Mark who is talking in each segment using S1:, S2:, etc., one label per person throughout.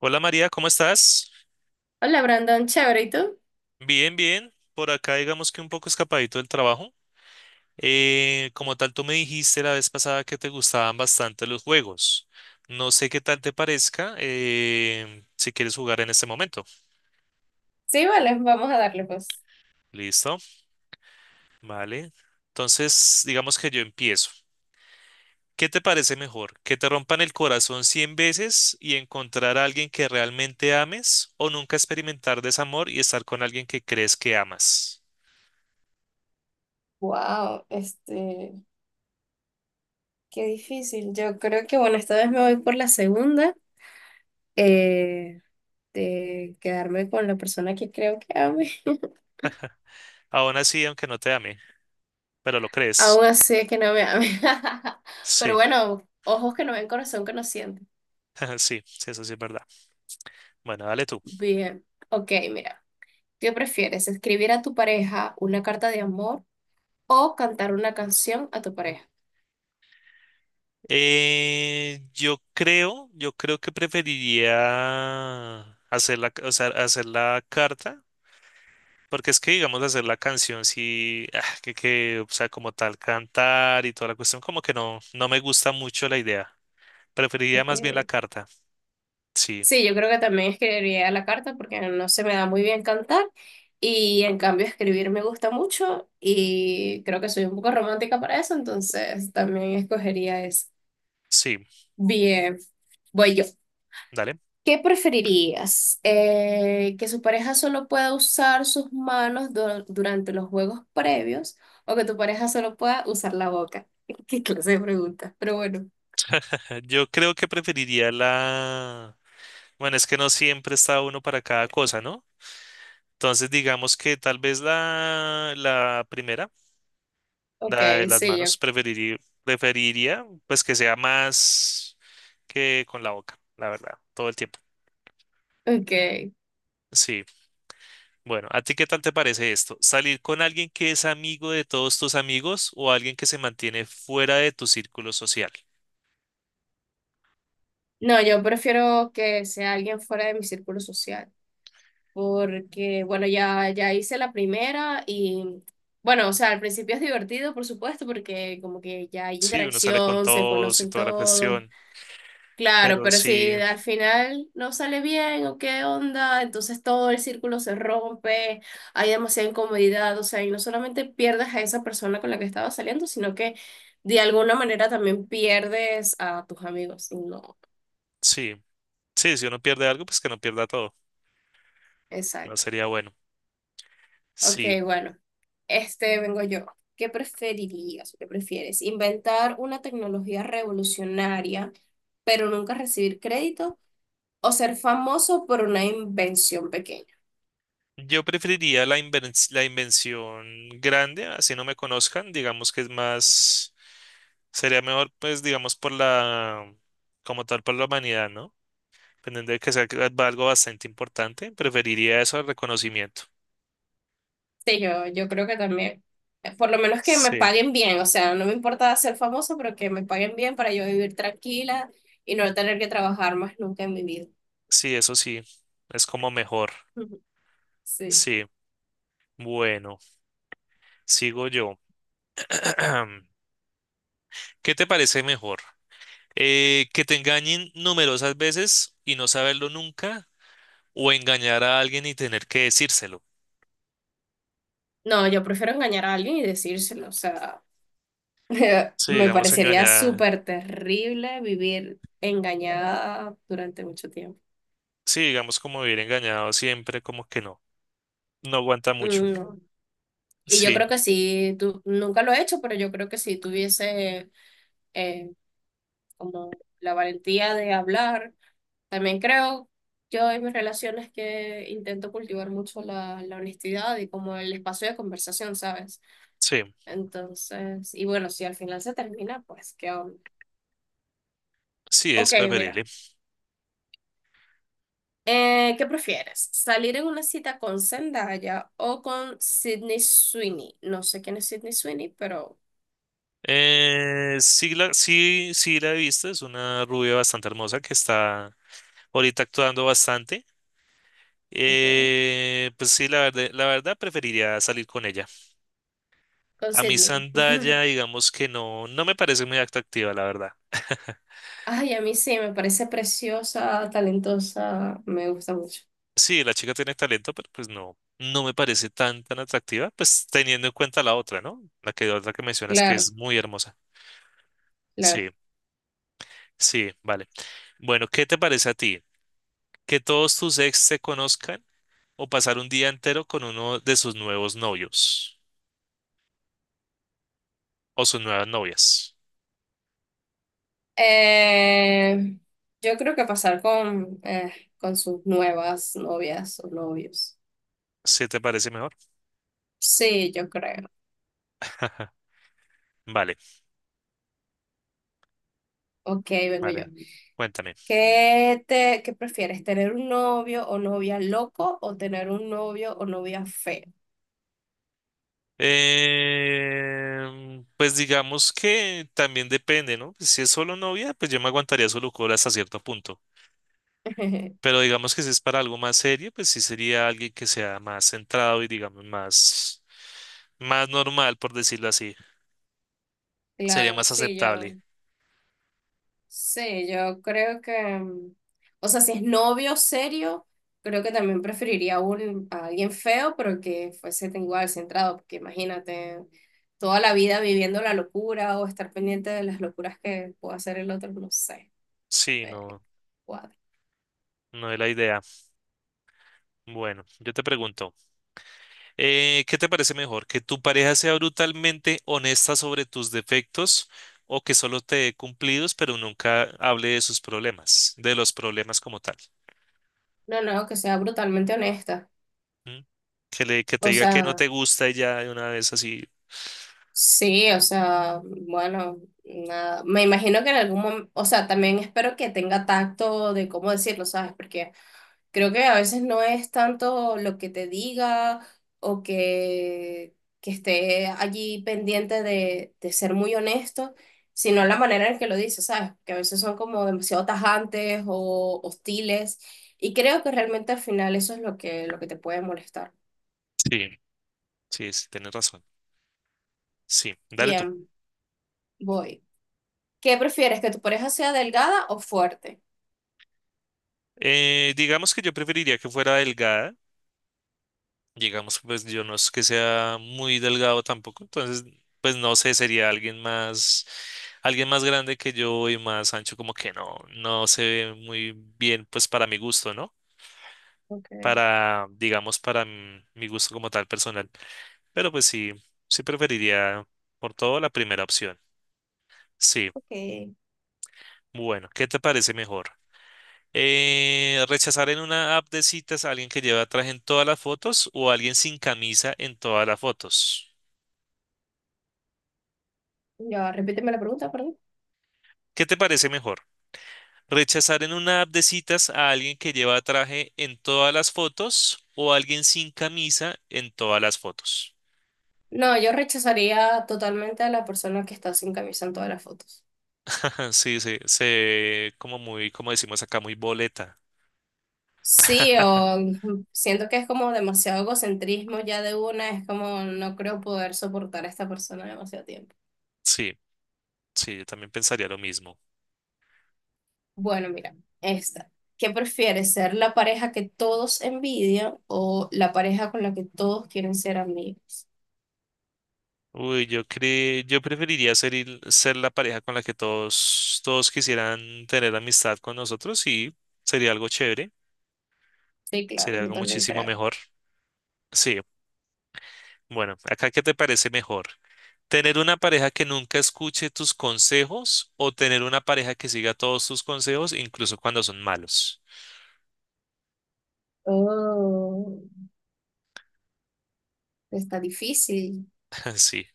S1: Hola María, ¿cómo estás?
S2: Hola Brandon, chévere, ¿y tú?
S1: Bien, bien. Por acá digamos que un poco escapadito del trabajo. Como tal, tú me dijiste la vez pasada que te gustaban bastante los juegos. No sé qué tal te parezca si quieres jugar en este momento.
S2: Sí, vale, vamos a darle pues.
S1: ¿Listo? Vale. Entonces, digamos que yo empiezo. ¿Qué te parece mejor? ¿Que te rompan el corazón 100 veces y encontrar a alguien que realmente ames o nunca experimentar desamor y estar con alguien que crees que amas?
S2: Wow, qué difícil. Yo creo que bueno, esta vez me voy por la segunda, eh, de quedarme con la persona que creo que ame.
S1: Aún así, aunque no te ame, pero lo crees.
S2: Aún así es que no me ame. Pero
S1: Sí,
S2: bueno, ojos que no ven, corazón que no siente.
S1: sí, sí, eso sí es verdad. Bueno, dale tú.
S2: Bien, ok, mira, ¿qué prefieres? ¿Escribir a tu pareja una carta de amor o cantar una canción a tu pareja?
S1: Yo creo que preferiría hacer la carta, porque es que, digamos, hacer la canción, sí, ah, o sea, como tal, cantar y toda la cuestión, como que no me gusta mucho la idea. Preferiría
S2: Ok.
S1: más bien la carta. Sí,
S2: Sí, yo creo que también escribiría la carta porque no se me da muy bien cantar y en cambio escribir me gusta mucho y creo que soy un poco romántica para eso, entonces también escogería eso.
S1: sí,
S2: Bien, voy yo.
S1: dale.
S2: ¿Qué preferirías? ¿Que su pareja solo pueda usar sus manos durante los juegos previos o que tu pareja solo pueda usar la boca? ¿Qué clase de pregunta? Pero bueno,
S1: Yo creo que preferiría la... Bueno, es que no siempre está uno para cada cosa, ¿no? Entonces, digamos que tal vez la primera, la de
S2: ok,
S1: las
S2: sí, yo,
S1: manos, preferiría, preferiría pues que sea más que con la boca, la verdad, todo el tiempo.
S2: ok.
S1: Sí. Bueno, ¿a ti qué tal te parece esto? ¿Salir con alguien que es amigo de todos tus amigos o alguien que se mantiene fuera de tu círculo social?
S2: No, yo prefiero que sea alguien fuera de mi círculo social, porque bueno, ya, ya hice la primera y bueno, o sea, al principio es divertido, por supuesto, porque como que ya hay
S1: Sí, uno sale con
S2: interacción, se
S1: todos y
S2: conocen
S1: toda la
S2: todos,
S1: cuestión,
S2: claro,
S1: pero
S2: pero si
S1: sí,
S2: al final no sale bien o qué onda, entonces todo el círculo se rompe, hay demasiada incomodidad, o sea, y no solamente pierdes a esa persona con la que estabas saliendo, sino que de alguna manera también pierdes a tus amigos, y no,
S1: sí, sí, si uno pierde algo, pues que no pierda todo, no
S2: exacto.
S1: sería bueno.
S2: Ok,
S1: Sí,
S2: bueno, vengo yo. ¿Qué preferirías o qué prefieres? ¿Inventar una tecnología revolucionaria, pero nunca recibir crédito? ¿O ser famoso por una invención pequeña?
S1: yo preferiría la la invención grande, así no me conozcan, digamos que es más, sería mejor, pues digamos por como tal, por la humanidad, ¿no? Dependiendo de que sea algo bastante importante, preferiría eso al reconocimiento.
S2: Sí, yo creo que también. Por lo menos que me
S1: Sí,
S2: paguen bien, o sea, no me importa ser famoso, pero que me paguen bien para yo vivir tranquila y no tener que trabajar más nunca en mi vida.
S1: sí, eso sí, es como mejor.
S2: Sí.
S1: Sí, bueno, sigo yo. ¿Qué te parece mejor? ¿Que te engañen numerosas veces y no saberlo nunca? ¿O engañar a alguien y tener que decírselo?
S2: No, yo prefiero engañar a alguien y decírselo, o sea.
S1: Sí,
S2: Me
S1: digamos
S2: parecería
S1: engañar.
S2: súper terrible vivir engañada durante mucho tiempo.
S1: Sí, digamos como vivir engañado siempre, como que no. No aguanta mucho.
S2: Mm, Y yo
S1: Sí,
S2: creo que sí, tú, nunca lo he hecho, pero yo creo que si tuviese eh, como la valentía de hablar, también creo yo en mis relaciones que intento cultivar mucho la honestidad y como el espacio de conversación, ¿sabes?
S1: sí,
S2: Entonces, y bueno, si al final se termina, pues qué onda.
S1: sí,
S2: Ok,
S1: es preferible.
S2: mira. ¿Qué prefieres? ¿Salir en una cita con Zendaya o con Sydney Sweeney? No sé quién es Sydney Sweeney, pero
S1: Sí, sí, sí la he visto, es una rubia bastante hermosa que está ahorita actuando bastante.
S2: ok.
S1: Pues sí, la verdad preferiría salir con ella.
S2: Con
S1: A mí
S2: Sydney.
S1: Zendaya, digamos que no me parece muy atractiva, la verdad.
S2: Ay, a mí sí, me parece preciosa, talentosa, me gusta mucho.
S1: Sí, la chica tiene talento, pero pues no me parece tan tan atractiva, pues teniendo en cuenta la otra, ¿no? La que otra que mencionas que
S2: Claro,
S1: es muy hermosa. Sí,
S2: claro.
S1: sí, vale. Bueno, ¿qué te parece a ti? ¿Que todos tus ex se conozcan o pasar un día entero con uno de sus nuevos novios o sus nuevas novias?
S2: Eh, yo creo que pasar con sus nuevas novias o novios.
S1: ¿Sí te parece mejor?
S2: Sí, yo creo.
S1: Vale,
S2: Ok, vengo yo.
S1: vale. Cuéntame.
S2: ¿Qué prefieres, tener un novio o novia loco o tener un novio o novia feo?
S1: Pues digamos que también depende, ¿no? Pues, si es solo novia, pues yo me aguantaría solo cola hasta cierto punto. Pero digamos que si es para algo más serio, pues sí sería alguien que sea más centrado y digamos más, más normal, por decirlo así. Sería
S2: Claro,
S1: más
S2: sí,
S1: aceptable.
S2: sí, yo creo que, o sea, si es novio serio, creo que también preferiría a alguien feo, pero que fuese tan igual centrado, porque imagínate toda la vida viviendo la locura o estar pendiente de las locuras que pueda hacer el otro, no sé. No
S1: Sí,
S2: me
S1: no,
S2: cuadra.
S1: no es la idea. Bueno, yo te pregunto. ¿Qué te parece mejor? ¿Que tu pareja sea brutalmente honesta sobre tus defectos o que solo te dé cumplidos, pero nunca hable de sus problemas, de los problemas como tal?
S2: No, no, que sea brutalmente honesta.
S1: ¿Mm? Que que te
S2: O
S1: diga que no
S2: sea,
S1: te gusta y ya de una vez así.
S2: sí, o sea, bueno, nada. Me imagino que en algún momento, o sea, también espero que tenga tacto de cómo decirlo, ¿sabes? Porque creo que a veces no es tanto lo que te diga o que esté allí pendiente de, ser muy honesto, sino la manera en que lo dices, ¿sabes? Que a veces son como demasiado tajantes o hostiles y creo que realmente al final eso es lo que te puede molestar.
S1: Sí, sí, sí, tienes razón. Sí, dale tú.
S2: Bien, voy. ¿Qué prefieres, que tu pareja sea delgada o fuerte?
S1: Digamos que yo preferiría que fuera delgada. Digamos que pues yo no es que sea muy delgado tampoco, entonces pues no sé, sería alguien más grande que yo y más ancho, como que no, no se ve muy bien pues para mi gusto, ¿no?
S2: Okay.
S1: Para, digamos, para mi gusto como tal personal. Pero pues sí, sí preferiría por todo la primera opción. Sí,
S2: Ok.
S1: bueno, ¿qué te parece mejor? ¿Rechazar en una app de citas a alguien que lleva traje en todas las fotos o a alguien sin camisa en todas las fotos?
S2: Ya, repíteme la pregunta, perdón.
S1: ¿Qué te parece mejor? Rechazar en una app de citas a alguien que lleva traje en todas las fotos o alguien sin camisa en todas las fotos.
S2: No, yo rechazaría totalmente a la persona que está sin camisa en todas las fotos.
S1: Sí, sí, se como muy, como decimos acá, muy boleta.
S2: Sí, o siento que es como demasiado egocentrismo ya de una, es como no creo poder soportar a esta persona demasiado tiempo.
S1: Sí, sí, yo también pensaría lo mismo.
S2: Bueno, mira, esta. ¿Qué prefieres, ser la pareja que todos envidian o la pareja con la que todos quieren ser amigos?
S1: Uy, yo preferiría ser, ser la pareja con la que todos quisieran tener amistad con nosotros y sería algo chévere,
S2: Sí, claro,
S1: sería
S2: yo
S1: algo
S2: también
S1: muchísimo
S2: creo.
S1: mejor. Sí, bueno, acá, ¿qué te parece mejor? Tener una pareja que nunca escuche tus consejos o tener una pareja que siga todos tus consejos, incluso cuando son malos.
S2: Oh, está difícil.
S1: Sí.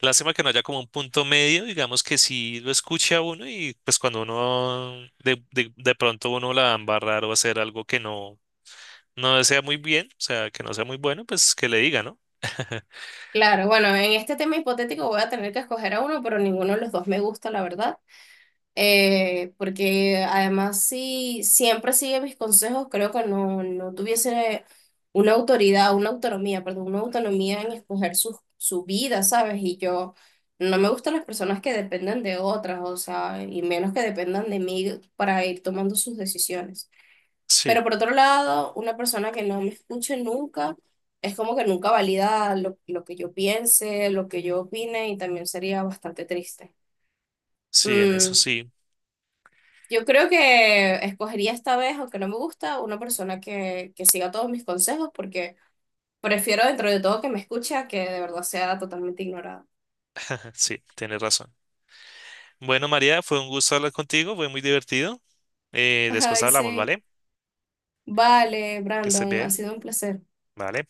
S1: Lástima que no haya como un punto medio, digamos que sí lo escuche a uno y pues cuando uno de pronto uno la va a embarrar o hacer algo que no desea muy bien, o sea, que no sea muy bueno, pues que le diga, ¿no?
S2: Claro, bueno, en este tema hipotético voy a tener que escoger a uno, pero ninguno de los dos me gusta, la verdad. Porque además, si siempre sigue mis consejos, creo que no, no tuviese una autoridad, una autonomía, perdón, una autonomía en escoger su vida, ¿sabes? Y yo no me gustan las personas que dependen de otras, o sea, y menos que dependan de mí para ir tomando sus decisiones.
S1: Sí,
S2: Pero por otro lado, una persona que no me escuche nunca es como que nunca valida lo que yo piense, lo que yo opine y también sería bastante triste.
S1: sí, en eso
S2: Mm,
S1: sí,
S2: yo creo que escogería esta vez, aunque no me gusta, una persona que siga todos mis consejos porque prefiero dentro de todo que me escuche a que de verdad sea totalmente ignorada.
S1: sí, tienes razón. Bueno, María, fue un gusto hablar contigo, fue muy divertido. Después
S2: Ay,
S1: hablamos,
S2: sí.
S1: ¿vale?
S2: Vale,
S1: Que estés
S2: Brandon, ha
S1: bien,
S2: sido un placer.
S1: ¿vale?